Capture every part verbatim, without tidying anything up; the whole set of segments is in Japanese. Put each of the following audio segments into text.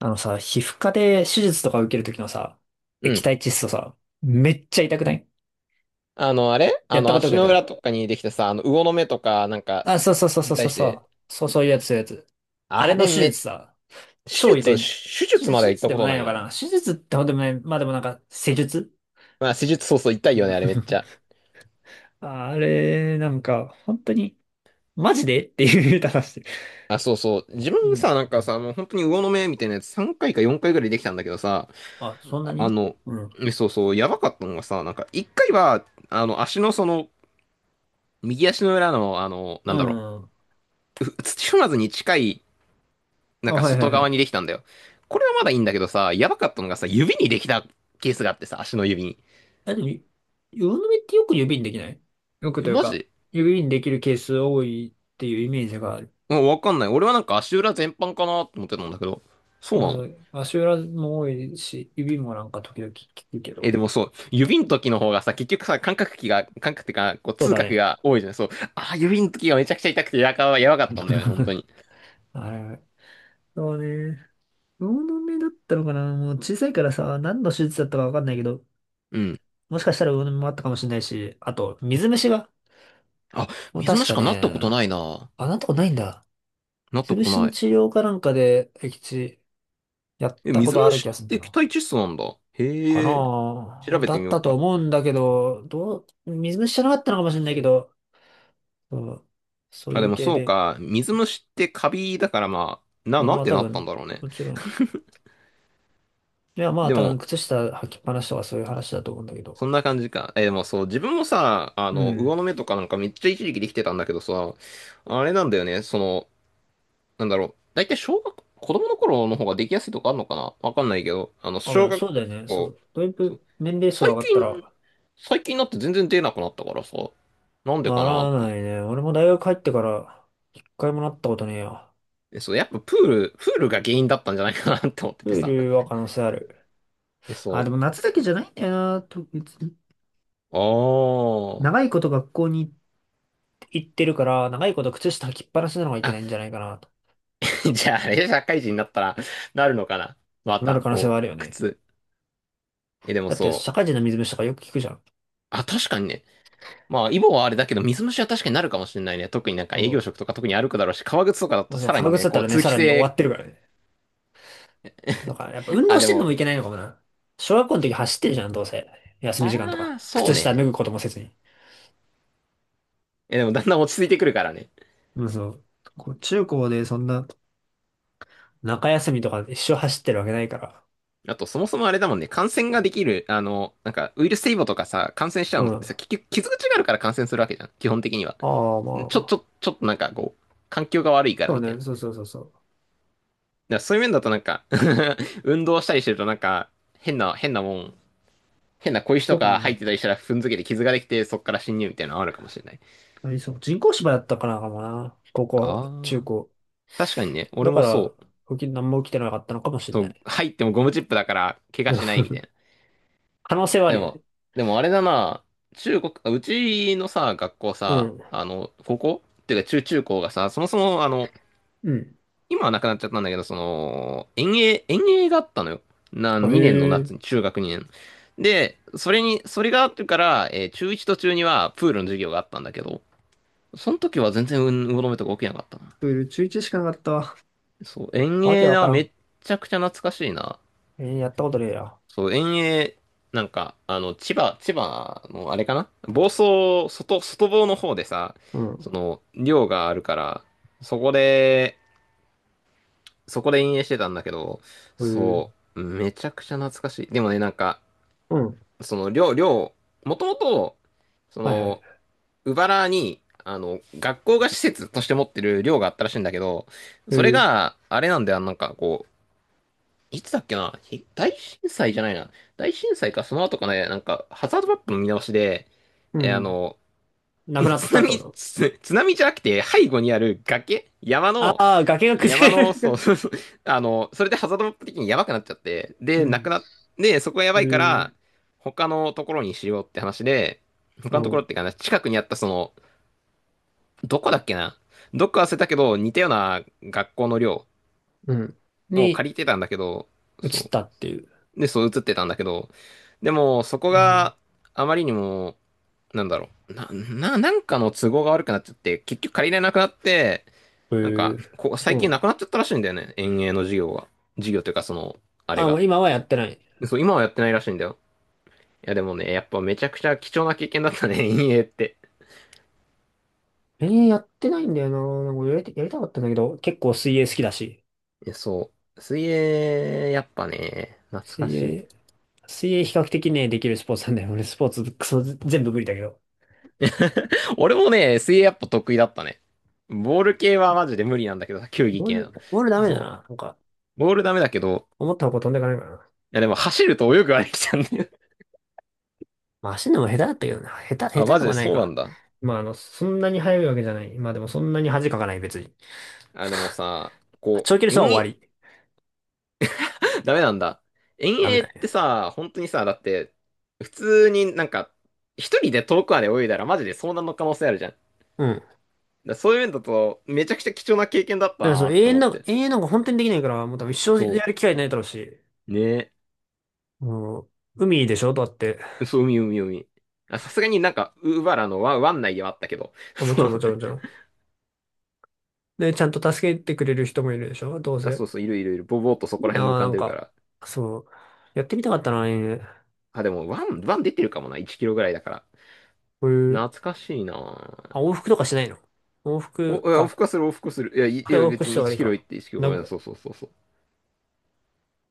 あのさ、皮膚科で手術とか受けるときのさ、う液ん。体窒素さ、めっちゃ痛くない？あの、あれやあったの、ことあ足のる。裏とかにできたさ、あの、魚の目とか、なんか、あ、そうそうそうそにうそ対うしそて、う。そうそういうやつ、そういうやつ。あれあのれ手め、術さ、手超痛術、い。手手術ま術、では手行っ術たでこもとないないのかな？な。手術ってほどでもない。まあでもなんか、施術、まあ、手術、そうそう、痛いよね、あれめっちゃ。あれ、なんか、本当に、マジでっていう話してる。あ、そうそう。自う分ん。さ、なんかさ、もう本当に魚の目みたいなやつさんかいかよんかいぐらいできたんだけどさ、あ、そんなあに？の、うん。えそうそう、やばかったのがさ、なんか、いっかいは、あの、足のその、右足の裏の、あの、うなんだろん。う、ふ土踏まずに近いなあ、んかはいは外いは側にい。できたんだよ。これはまだいいんだけどさ、やばかったのがさ、指にできたケースがあってさ、足の指に。あ、でも、魚の目ってよく指にできない？よくえ、というマか、ジ、指にできるケース多いっていうイメージがある。うん、わかんない。俺はなんか足裏全般かなと思ってたんだけど。そうまなあ、その？う、足裏も多いし、指もなんか時々聞くけえ、ど。でもそう、指の時の方がさ、結局さ、感覚器が、感覚ってか、こう、そう痛だ覚ね。が多いじゃん。そう。あー、指の時がめちゃくちゃ痛くて、やかはやばかったんだよね、本当 に。あれ、そうね。魚の目だったのかな？もう小さいからさ、何の手術だったかわかんないけど、うん。もしかしたら魚の目もあったかもしれないし、あと、水虫が。あ、もう水確虫かかなったこね、とないな。あ、なんとかないんだ。なった水こと虫のない。治療かなんかで、液地やっえ、たこ水とある気虫がするっんてだよ液な。体窒素なんだ。かへえ、なあ調べだてっみようたとか。思うんだけど、どう、水虫じゃなかったのかもしれないけど、そう、そうあ、いでうも系そうで、か。水虫ってカビだからまあ、な、まあ、なまんあて多なったん分、だろうね。もちろん。いや、まあで多分、も、靴下履きっぱなしとかそういう話だと思うんだけそんど。な感じか。え、でもそう、自分もさ、あうの、魚ん。の目とかなんかめっちゃ一時期できてたんだけどさ、あれなんだよね、その、なんだろう。だいたい小学、子供の頃の方ができやすいとかあるのかな、わかんないけど、あの、あ、ま小あ、学そうだよね。そ校、う。だいそう、ぶ年齢層上最がった近、ら、最近になって全然出なくなったからさ、なんでかなならって思なっいて。ね。俺も大学入ってから、一回もなったことねえよ。えそう、やっぱプール、プールが原因だったんじゃないかなって思ってプてーさ。ルは可能性ある。え、あ、でそも夏だけじゃないんだよな、と、別に。う。ああ。長いこと学校に行ってるから、長いこと靴下履きっぱなしなのがいけあ、ないんじゃないかな。と じゃあ、あれ、社会人になったら、なるのかな。まなるた、可能性はこあう、るよね。靴。え、でもだってそ社う。会人の水虫とかよく聞くじゃん。あ、確かにね。まあ、イボはあれだけど、水虫は確かになるかもしれないね。特になんか営そ業う。職とか特に歩くだろうし、革靴とかだまとあそのさら革に靴ね、だったこう、らね、通さ気らに終わっ性。てるからね。だからやっぱ運動あ、しでてんのもも、いけないのかもな。小学校の時走ってるじゃん、どうせ。休み時間とあか。あ、そ靴う下脱ね。ぐこともせずに。え、でもだんだん落ち着いてくるからね。うん、そう。こう中高でそんな中休みとか一生走ってるわけないから。あと、そもそもあれだもんね、感染ができる、あの、なんか、ウイルス性イボとかさ、感染しちゃううのっん。てさ、あ結局、傷口があるから感染するわけじゃん。基本的には。あ、まちょ、ちあ。ょ、ちょっとなんかこう、環境が悪いからそうみたいね、な。そうそうそうそう。だからそういう面だとなんか、 運動したりしてるとなんか、変な、変なもん、変な小石とどかかも入っね、てたりしたら踏んづけて傷ができて、そっから侵入みたいなのあるかもしれない。ありそう。人工芝だったからかもな。高校、中ああ。高。確かにね、俺だかもら、そう。起き、何も起きてなかったのかもしれそなう、い。入ってもゴムチップだから怪う我しなん、いみたいな。可能性はあでるよね。も、でもあれだな、中国、あうちのさ、学校うさ、ん。あの、高校っていうか、中中高がさ、そもそもあの、うん。今はなくなっちゃったんだけど、その、遠泳、遠泳があったのよ。な、あ、へにねんの夏え。に、中学にねん。で、それに、それがあってから、えー中いちと中にはプールの授業があったんだけど、その時は全然運動の目とか起きなかったな。プール中ちゅういちしかなかったわ。そう、遠わけ泳わかはらめん。っちゃくちゃ懐かしいな。えー、やったことねえや。そう、遠泳、なんか、あの、千葉、千葉のあれかな、房総、外、外房の方でさ、うん。その、寮があるから、そこで、そこで陰影してたんだけど、へえ。そう、めちゃくちゃ懐かしい。でもね、なんか、うん。その寮、寮、もともと、そはいはい。の、鵜原に、あの、学校が施設として持ってる寮があったらしいんだけど、へそれえ。があれなんだよ、なんかこう、いつだっけな、ひ大震災じゃないな。大震災か、その後かね、なんか、ハザードマップの見直しで、うえーあん。の、なくなっ津たってこ波、と？つ津波じゃなくて、背後にある崖山あの、あー、崖が山崩れの、そうる。 そうそう、あの、それでハザードマップ的にやばくなっちゃって、うで、なん。くなっ、で、そこがやへばいから、ー、他のところにしようって話で、他うのところん。っていうかな、近くにあったその、どこだっけな、どっか忘れたけど、似たような学校の寮うん。をに借りてたんだけど、移っそたっていう。う。で、そう映ってたんだけど、でも、そこうん。があまりにも、なんだろう、な、な、なんかの都合が悪くなっちゃって、結局借りれなくなって、へなんえ。か、こそ最うな近んなだ。くなっちゃったらしいんだよね。園芸の授業が。授業というか、その、ああれあ、もが。う今はやってない。そう、今はやってないらしいんだよ。いや、でもね、やっぱめちゃくちゃ貴重な経験だったね、園芸って。えー、やってないんだよな。なんかやりた、やりたかったんだけど、結構水泳好きだし。いやそう。水泳、やっぱね、懐か水し泳、水泳比較的ね、できるスポーツなんだよ。俺スポーツ、クソ、全部無理だけど。い。俺もね、水泳やっぱ得意だったね。ボール系はマジで無理なんだけどさ、球技ボー系ル、の。ボールダメだそう。な。なんか、ボールダメだけど、思った方向飛んでいかないからな。いやでも走ると泳ぐはできちゃうんだよ。まあ、走るのも下手だったけどな。下 手、あ、下手マとジでかないそうなか。んだ。まあ、あの、そんなに速いわけじゃない。まあでもそんなに恥かかない、別に。あ、でもさ、こ長距離う、走は遠泳、終わり。ダメなんだ。遠ダメ泳だってね。さ、本当にさ、だって、普通になんか、一人で遠くまで泳いだらマジで遭難の可能性あるじゃん。だかうん。だからそういう面だと、めちゃくちゃ貴重な経験だったらそなう、っ永て遠思っなんか、て。永遠なんか本当にできないから、もう多分一生そやる機会ないだろうし、う。ねもう、海でしょだって。え。そう、海、海、海。あ、さすがになんか、ウーバラの湾、湾内ではあったけど。あ、もちそろんもちう。ろんもちろん。で、ちゃんと助けてくれる人もいるでしょ、どうあ、そせ。うそう、いるいるいる。ぼぼーっとそこいいらな辺に浮かぁ、なんんでるかか。ら。そう。やってみたかったなぁ、ね、あ、でも、湾、湾出てるかもな。いちキロぐらいだから。こういう、懐かしいな。あ、往復とかしないの？往お、復いや、往か。復はする、往復する。いや、いいや、東北別市にとかで1いいキロ行か。っていちキロ、ご名めんな古、さい。そうそうそうそう。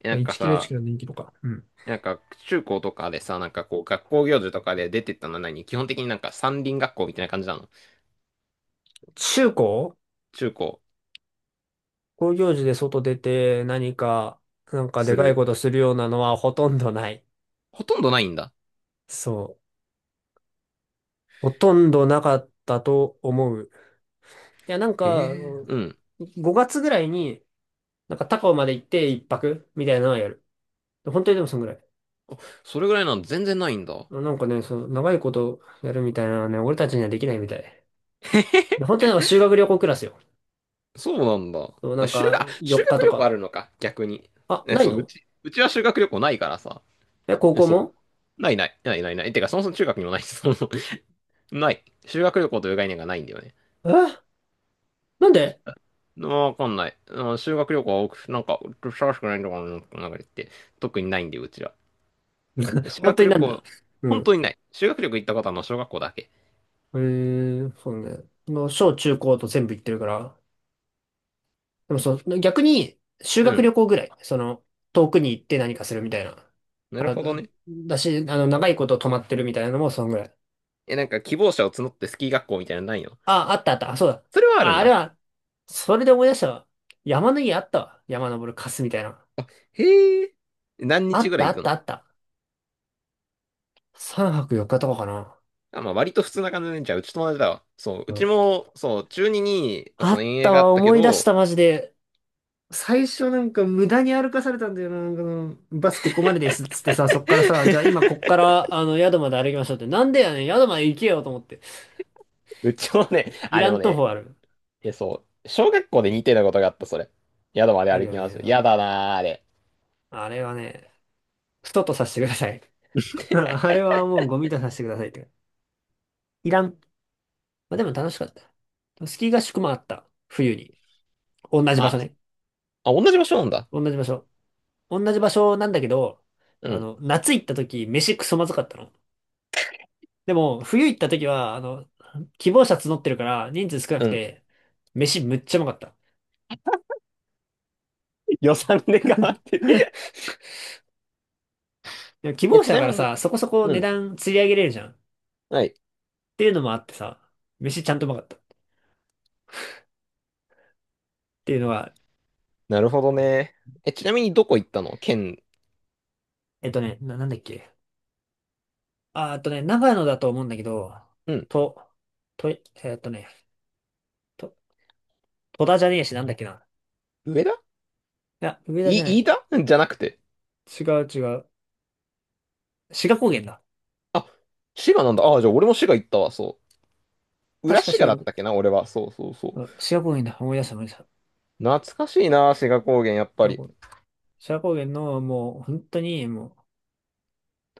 えまなあ、んかいちキロ1さ、キロでいキロか。うん。なんか中高とかでさ、なんかこう学校行事とかで出てったのは何、基本的になんか山林学校みたいな感じなの？中高、中高、高業時で外出て何か、なんかですかいる。ことするようなのはほとんどない。ほとんどないんだ。そう。ほとんどなかったと思う。いや、なんへか、あえ、のうん。ごがつぐらいに、なんか高尾まで行って一泊みたいなのはやる。本当にでもそんぐらい。それぐらいなの？全然ないんだ。なんかね、その長いことやるみたいなのはね、俺たちにはできないみたい。で 本当になんか修学旅行クラスよ。そうなんだ。そうなあ、ん修か学、あ修よっか学と旅行あるか。のか、逆に。あ、え、ないそう、うの？ち、うちは修学旅行ないからさ。え、高え、校そも？う。ないない、ないないない。てか、そもそも中学にもないし、そもそもない。修学旅行という概念がないんだよね。え、なんで？わかんない。うん、修学旅行は多く、なんか、探しくないのかな、なんか言って。特にないんで、うちら。修本当学に旅なんでだ。行、う本ん。当にない。修学旅行行ったことはまあの小学校だけ。えー、そうね。その、小中高と全部行ってるから。でもそう、逆に、修う学ん。旅行ぐらい。その、遠くに行って何かするみたいな。なるあ、ほどだ、ね。だし、あの、長いこと泊まってるみたいなのもそんぐらい。え、なんか希望者を募ってスキー学校みたいなのないの？あ、あったあった。あ、そうだ。それはあるあ、んあれだ。は、それで思い出したわ。山の家あったわ。山登るカスみたいな。へえ。何あ日っぐらたあい行っくたあの？った。さんぱくよっかとかかな。あ、まあ割と普通な感じで、じゃあうちと同じだわ。そう、ううちん、も、そう、中にに、あそう、っ遠泳たがあわ、ったけ思い出した、ど、マジで。最初なんか無駄に歩かされたんだよな。なんかそのバスここまでですっつってさ、そっからさ、じゃあ今こっからあの宿まで歩きましょうって。なんでやねん、宿まで行けよと思って。うちもね、いあ、らでもん徒歩ね、ある。え、そう、小学校で似てたことがあった、それ。宿まである歩よきまね。す。そやう、だなー、あれ。あれはね、ストとさせてください。あれはもうゴミとさせてくださいって。いらん。まあ、でも楽しかった。スキー合宿もあった。冬に。同じま場所あ、ね。あ、同じ場所なんだ。同じ場所。同じ場所なんだけど、うあん。の、夏行った時、飯クソまずかったの。でも、冬行った時は、あの、希望者募ってるから、人数少なうくん。て、飯むっちゃうまかった。予算で変わってる。でも希え、望者ちだなからみに、さ、そこそこう値ん。段釣り上げれるじゃん。っはい。ていうのもあってさ、飯ちゃんとうまかった。っていうのが、なるほどね。え、ちなみにどこ行ったの、県？えっとね、な、なんだっけ。あ、あとね、長野だと思うんだけど、うん。と、と、えっとね、と、戸田じゃねえし、なんだっけな。上田。いや、上田じゃない、飯い。田、うんじゃなくて。違う違う。志賀高原だ。あ、滋賀なんだ。あ、じゃあ俺も滋賀行ったわ、そう。裏確か滋志賀賀、だうっん、たっけな、俺は。そうそうそう。志賀高原だ。思い出した思い出した。志懐かしいな、滋賀高原、やっ賀ぱり。高原、志賀高原の、もう、本当に、もう、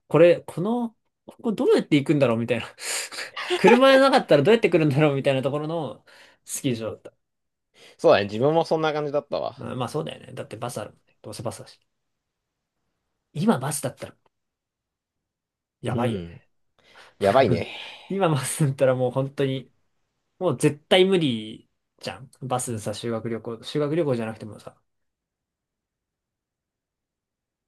これ、この、ここどうやって行くんだろうみたいな。車じゃなかったらどうやって来るんだろうみたいなところのスキー場だった。そうだね、自分もそんな感じだったわ。まあ、まあそうだよね。だってバスあるもんね。どうせバスだし。今バスだったらうやばいよん。ね。やばい ね。今バスだったらもう本当に、もう絶対無理じゃん。バスさ、修学旅行、修学旅行じゃなくてもさ、